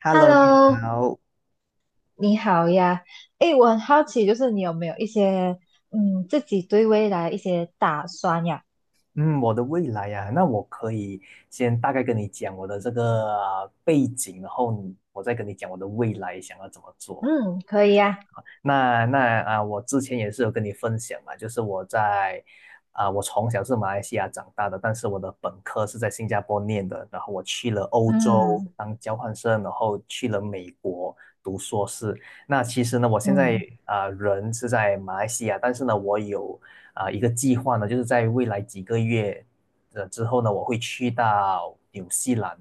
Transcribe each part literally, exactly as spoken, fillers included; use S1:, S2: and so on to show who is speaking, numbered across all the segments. S1: Hello，你
S2: Hello，
S1: 好。
S2: 你好呀。诶，我很好奇，就是你有没有一些嗯自己对未来一些打算呀？
S1: 嗯，我的未来呀、那我可以先大概跟你讲我的这个呃背景，然后你我再跟你讲我的未来想要怎么做。
S2: 嗯，可以呀。
S1: 那那啊，我之前也是有跟你分享嘛，就是我在啊，我从小是马来西亚长大的，但是我的本科是在新加坡念的，然后我去了欧洲
S2: 嗯
S1: 当交换生，然后去了美国读硕士。那其实呢，我现在
S2: 嗯，
S1: 啊，人是在马来西亚，但是呢，我有啊一个计划呢，就是在未来几个月的之后呢，我会去到纽西兰。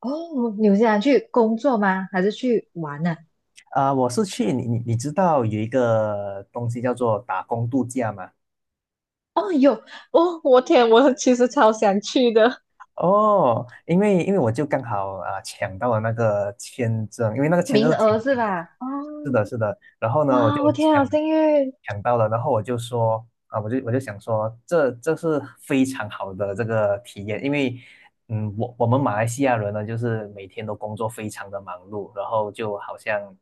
S2: 哦，纽西想去工作吗？还是去玩呢、
S1: 啊，我是去你你你知道有一个东西叫做打工度假吗？
S2: 哦，有哦，我天，我其实超想去的，
S1: 哦，因为因为我就刚好啊、呃抢到了那个签证，因为那个签证
S2: 名
S1: 是挺
S2: 额是
S1: 挺难抢。
S2: 吧？
S1: 是
S2: 哦，
S1: 的，是的。然后呢，我就
S2: 哇，我天啊，
S1: 抢
S2: 好幸运。
S1: 抢到了，然后我就说啊，我就我就想说，这这是非常好的这个体验，因为嗯，我我们马来西亚人呢，就是每天都工作非常的忙碌，然后就好像，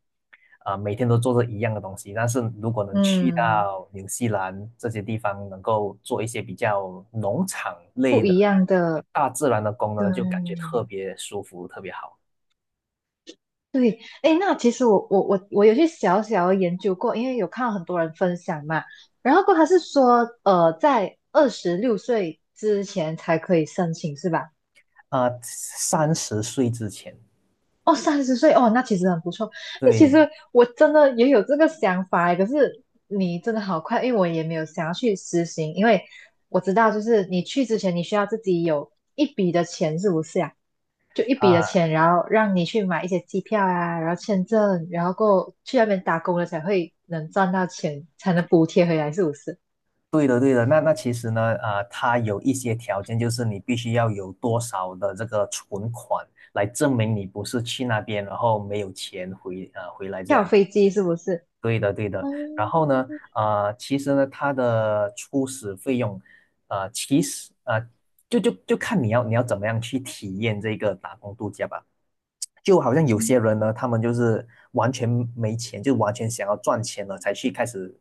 S1: 呃，每天都做着一样的东西。但是如果能去
S2: 嗯，
S1: 到纽西兰这些地方，能够做一些比较农场类的、大自然的工呢，就感觉
S2: 对，
S1: 特别舒服，特别好。
S2: 对，哎，那其实我我我我有去小小研究过，因为有看到很多人分享嘛，然后过他是说，呃，在二十六岁之前才可以申请，是吧？
S1: 啊、三十岁之前。
S2: 哦，三十岁，哦，那其实很不错。哎，其
S1: 对，
S2: 实我真的也有这个想法诶，可是你真的好快，因为我也没有想要去实行，因为我知道就是你去之前你需要自己有一笔的钱，是不是呀？就一笔的
S1: 啊。
S2: 钱，然后让你去买一些机票啊，然后签证，然后过去那边打工了才会能赚到钱，才能补贴回来，是不是？
S1: 对的，对的。那那其实呢，呃，它有一些条件，就是你必须要有多少的这个存款来证明你不是去那边，然后没有钱回啊回来这
S2: 跳
S1: 样子。
S2: 飞机是不是？
S1: 对的，对的。然
S2: 嗯
S1: 后呢，呃，其实呢，它的初始费用，呃，其实呃，就就就看你要你要怎么样去体验这个打工度假吧。就好像有些
S2: 嗯
S1: 人呢，他们就是完全没钱，就完全想要赚钱了才去开始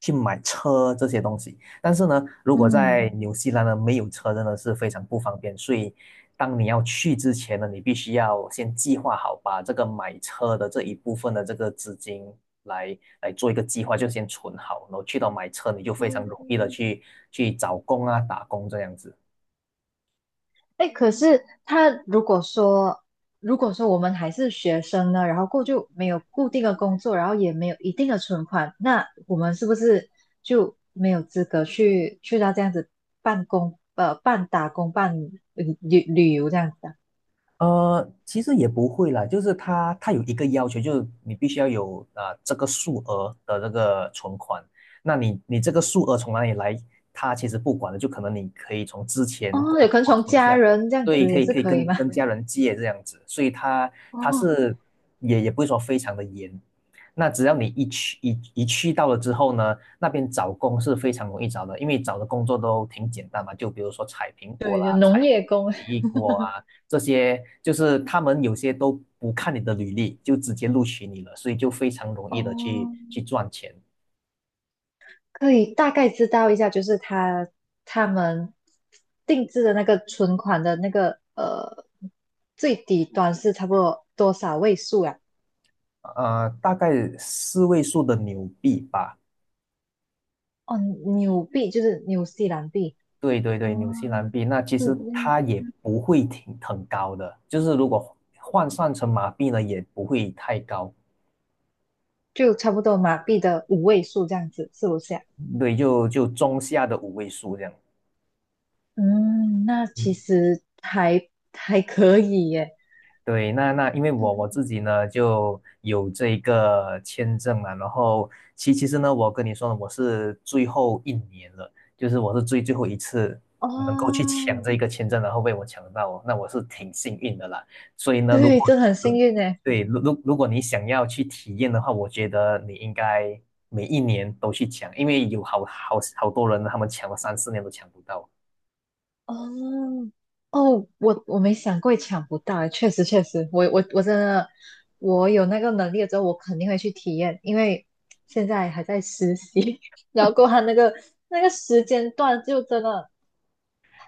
S1: 去买车这些东西。但是呢，如果
S2: 嗯，
S1: 在纽西兰呢没有车，真的是非常不方便。所以，当你要去之前呢，你必须要先计划好，把这个买车的这一部分的这个资金来来做一个计划，就先存好，然后去到买车，你就非常容易的去去找工啊、打工这样子。
S2: 哎，可是他如果说，如果说我们还是学生呢，然后过就没有固定的工作，然后也没有一定的存款，那我们是不是就没有资格去去到这样子半工呃半打工半旅旅旅游这样子啊？
S1: 呃，其实也不会啦，就是他他有一个要求，就是你必须要有啊、呃、这个数额的这个存款。那你你这个数额从哪里来，他其实不管的，就可能你可以从之前工
S2: 哦，有可能
S1: 作
S2: 从
S1: 存
S2: 家
S1: 下来，
S2: 人这样
S1: 对，
S2: 子
S1: 可
S2: 也
S1: 以
S2: 是
S1: 可以
S2: 可以
S1: 跟
S2: 吗？
S1: 跟家人借这样子，所以他 他
S2: 哦，
S1: 是也也不会说非常的严。那只要你一去一一去到了之后呢，那边找工是非常容易找的，因为找的工作都挺简单嘛，就比如说采苹果
S2: 对，
S1: 啦，
S2: 有
S1: 采
S2: 农业工，
S1: 奇异果啊。这些就是他们有些都不看你的履历，就直接录取你了，所以就非常容易的去
S2: 哦，
S1: 去赚钱。
S2: 可以大概知道一下，就是他他们定制的那个存款的那个呃最底端是差不多多少位数啊？
S1: 呃，大概四位数的纽币吧。
S2: 哦，纽币就是纽西兰币，
S1: 对对
S2: 哦，
S1: 对，纽西兰币，那其
S2: 嗯，
S1: 实
S2: 纽
S1: 它
S2: 西
S1: 也
S2: 兰
S1: 不会挺很高的，就是如果换算成马币呢，也不会太高。
S2: 就差不多马币的五位数这样子，是不是啊？
S1: 对，就就中下的五位数这样。
S2: 嗯，那其实还还可以耶。
S1: 对，那那因为
S2: 对，
S1: 我我自己呢就有这一个签证嘛，然后其其实呢，我跟你说呢，我是最后一年了，就是我是最最后一次能够去抢
S2: 哦，
S1: 这一个签证，然后被我抢到哦，那我是挺幸运的啦。所以呢，如
S2: 对，
S1: 果
S2: 真的很幸运诶。
S1: 对，如如如果你想要去体验的话，我觉得你应该每一年都去抢，因为有好好好多人呢他们抢了三四年都抢不到。
S2: 哦，哦，我我没想过抢不到诶，确实确实，我我我真的，我有那个能力了之后，我肯定会去体验，因为现在还在实习，然后过后他那个那个时间段就真的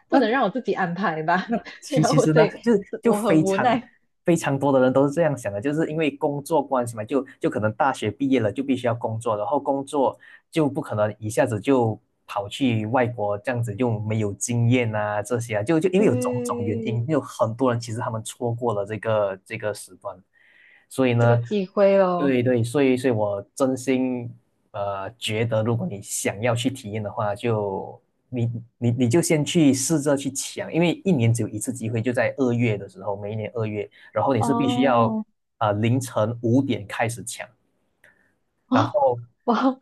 S2: 不能让
S1: 那
S2: 我自己安排吧，
S1: 那 其
S2: 然后
S1: 其
S2: 我
S1: 实
S2: 所
S1: 呢，
S2: 以
S1: 就是就
S2: 我
S1: 非
S2: 很无
S1: 常
S2: 奈，
S1: 非常多的人都是这样想的，就是因为工作关系嘛，就就可能大学毕业了就必须要工作，然后工作就不可能一下子就跑去外国这样子，又没有经验啊这些啊，就就因为有种种原
S2: 对
S1: 因，有很多人其实他们错过了这个这个时段。所以
S2: 这个
S1: 呢，
S2: 机会咯，
S1: 对对，所以所以我真心呃觉得，如果你想要去体验的话，就你你你就先去试着去抢，因为一年只有一次机会，就在二月的时候，每一年二月，然后你是必须要
S2: 哦，
S1: 啊呃凌晨五点开始抢。
S2: 哦，哇，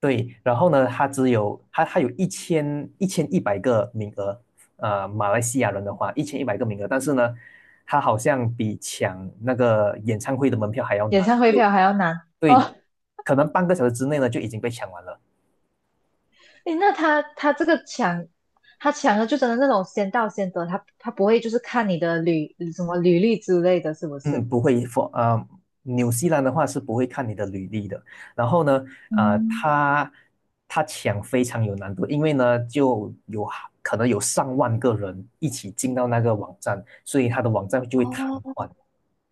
S1: 对，然后呢，它只有它它有一千一千一百个名额，呃，马来西亚人的话，一千一百个名额，但是呢，它好像比抢那个演唱会的门票还要
S2: 演
S1: 难，
S2: 唱会
S1: 就
S2: 票还要拿
S1: 对，
S2: 哦，
S1: 可能半个小时之内呢就已经被抢完了。
S2: 诶，那他他这个抢，他抢的就真的那种先到先得，他他不会就是看你的履什么履历之类的，是不是？
S1: 嗯，不会，for 呃，纽西兰的话是不会看你的履历的。然后呢，呃，
S2: 嗯，
S1: 他他抢非常有难度，因为呢就有可能有上万个人一起进到那个网站，所以他的网站就会瘫
S2: 哦，
S1: 痪，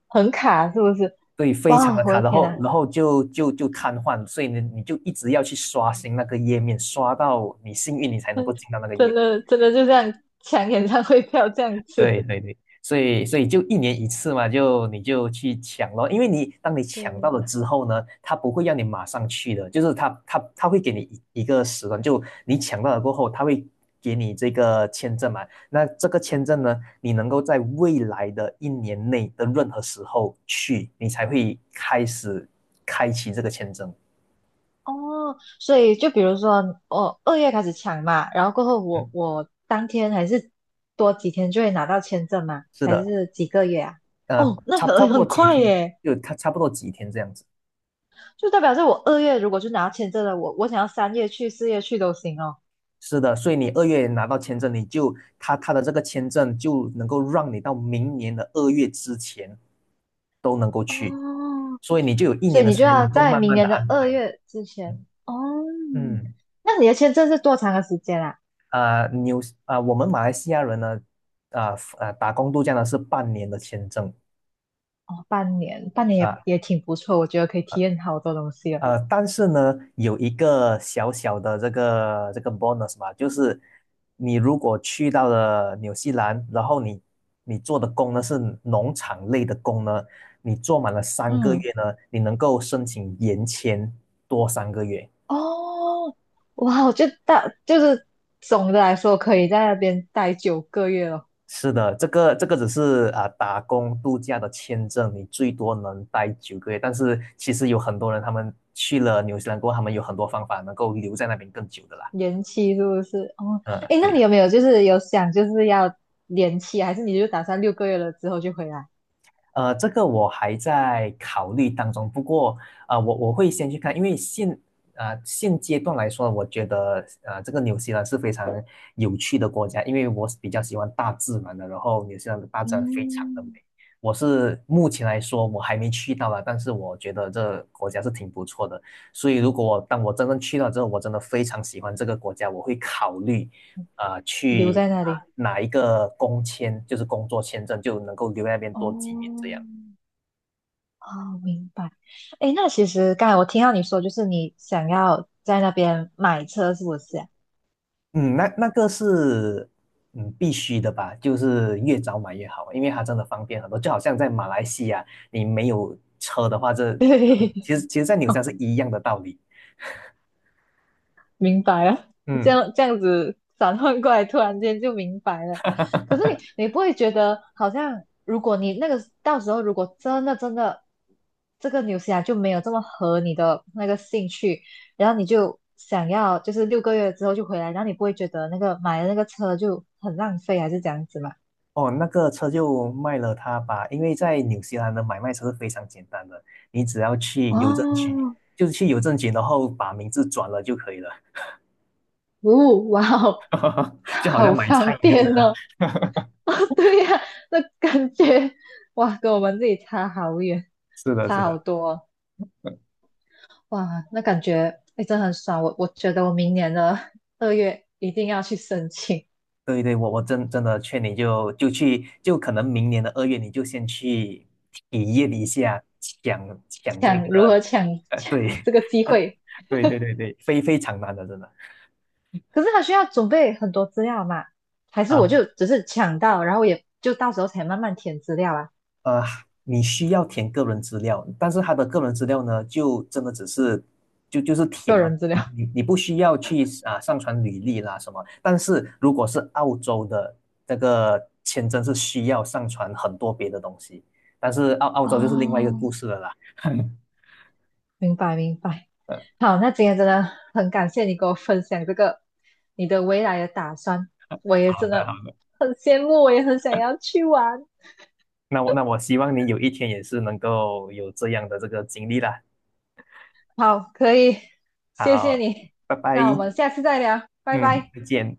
S2: 很卡是不是？
S1: 对，非常
S2: 哇，
S1: 的
S2: 我
S1: 卡。
S2: 的
S1: 然
S2: 天
S1: 后
S2: 呐，
S1: 然后就就就瘫痪，所以呢你就一直要去刷新那个页面，刷到你幸运你才能够进到那 个页
S2: 真
S1: 面。
S2: 的真的就这样抢演唱会票这样子。
S1: 对对对，所以所以就一年一次嘛，就你就去抢咯，因为你当你
S2: 对，
S1: 抢到了之后呢，他不会让你马上去的，就是他他他会给你一一个时段，就你抢到了过后，他会给你这个签证嘛，那这个签证呢，你能够在未来的一年内的任何时候去，你才会开始开启这个签证。
S2: 哦，所以就比如说我二月开始抢嘛，然后过后我
S1: 嗯，
S2: 我当天还是多几天就会拿到签证嘛，
S1: 是
S2: 还
S1: 的，
S2: 是几个月啊？
S1: 呃，
S2: 哦，那
S1: 差差
S2: 很
S1: 不多
S2: 很
S1: 几
S2: 快
S1: 天，
S2: 耶。
S1: 就差差不多几天这样子。
S2: 就代表是我二月如果就拿签证了，我我想要三月去、四月去都行哦。
S1: 是的，所以你二月拿到签证，你就他他的这个签证就能够让你到明年的二月之前都能够去，
S2: 哦，
S1: 所以你就有一
S2: 所
S1: 年
S2: 以
S1: 的
S2: 你就
S1: 时间
S2: 要
S1: 能够
S2: 在
S1: 慢
S2: 明
S1: 慢的
S2: 年的
S1: 安
S2: 二
S1: 排。
S2: 月之前
S1: 嗯。
S2: 哦。
S1: 嗯
S2: 那你的签证是多长的时间啊？
S1: 啊、纽啊、我们马来西亚人呢，啊、呃啊、打工度假呢是半年的签证。
S2: 哦，半年，半年
S1: 啊、
S2: 也
S1: 呃
S2: 也挺不错，我觉得可以体验好多东西了。
S1: 呃，但是呢，有一个小小的这个这个 bonus 嘛，就是你如果去到了纽西兰，然后你你做的工呢是农场类的工呢，你做满了三个
S2: 嗯，
S1: 月呢，你能够申请延签多三个月。
S2: 哦，哇，我就大就是总的来说可以在那边待九个月了，
S1: 是的，这个这个只是啊、打工度假的签证，你最多能待九个月，但是其实有很多人他们去了纽西兰过后，他们有很多方法能够留在那边更久的啦。
S2: 延期是不是？哦，
S1: 嗯，
S2: 诶，
S1: 对。
S2: 那你
S1: 的。
S2: 有没有就是有想就是要延期，还是你就打算六个月了之后就回来？
S1: 呃，这个我还在考虑当中。不过，呃，我我会先去看，因为现啊、现阶段来说，我觉得呃这个纽西兰是非常有趣的国家，因为我是比较喜欢大自然的，然后纽西兰的大自然非常的美。
S2: 嗯，
S1: 我是目前来说我还没去到啦，但是我觉得这国家是挺不错的。所以如果我当我真正去到之后，我真的非常喜欢这个国家，我会考虑啊、呃
S2: 留
S1: 去
S2: 在那
S1: 啊
S2: 里。
S1: 拿一个工签，就是工作签证，就能够留在那边多几年这
S2: 哦，
S1: 样。
S2: 哦，明白。诶，那其实刚才我听到你说，就是你想要在那边买车，是不是啊？
S1: 嗯，那那个是嗯必须的吧，就是越早买越好，因为它真的方便很多。就好像在马来西亚，你没有车的话，这
S2: 对，
S1: 其实其实，在纽西兰是一样的道理。
S2: 明白了，这
S1: 嗯，
S2: 样这样子转换过来，突然间就明白了。可是 你你不会觉得好像，如果你那个到时候如果真的真的这个纽西兰就没有这么合你的那个兴趣，然后你就想要就是六个月之后就回来，然后你不会觉得那个买的那个车就很浪费，还是这样子嘛？
S1: 哦，那个车就卖了它吧，因为在纽西兰的买卖车是非常简单的，你只要去邮政局，
S2: 哦，
S1: 就是去邮政局，然后把名字转了就可以了，
S2: 哦，哇哦，
S1: 就好像
S2: 好
S1: 买
S2: 方
S1: 菜一样的。
S2: 便哦。哦，对呀、那感觉哇，跟我们这里差好远，
S1: 是的，是
S2: 差好
S1: 的。
S2: 多哦哇，那感觉哎，真的很爽。我我觉得我明年的二月一定要去申请，
S1: 对对，我我真真的劝你就就去，就可能明年的二月你就先去体验一下抢抢这个，
S2: 抢如何抢 抢
S1: 对，
S2: 这个机会。
S1: 对对对对，非非常难的，真的
S2: 可是他需要准备很多资料嘛？还是我
S1: 啊。
S2: 就只是抢到，然后也就到时候才慢慢填资料啊，
S1: 呃，你需要填个人资料，但是他的个人资料呢，就真的只是就就是填
S2: 个
S1: 嘛，
S2: 人资
S1: 你
S2: 料。
S1: 你你不需要去啊上传履历啦什么。但是如果是澳洲的这个签证是需要上传很多别的东西，但是澳澳洲就是另外一个
S2: 哦，
S1: 故事了啦。
S2: 明白明白。
S1: 呃，
S2: 好，那今天真的很感谢你给我分享这个你的未来的打算，我也
S1: 好
S2: 真的
S1: 的，好，
S2: 很羡慕，我也很想要去玩。
S1: 那我那我希望你有一天也是能够有这样的这个经历啦。
S2: 好，可以，谢谢
S1: 好，
S2: 你，
S1: 拜拜，
S2: 那我们下次再聊，拜
S1: 嗯，
S2: 拜。
S1: 再见。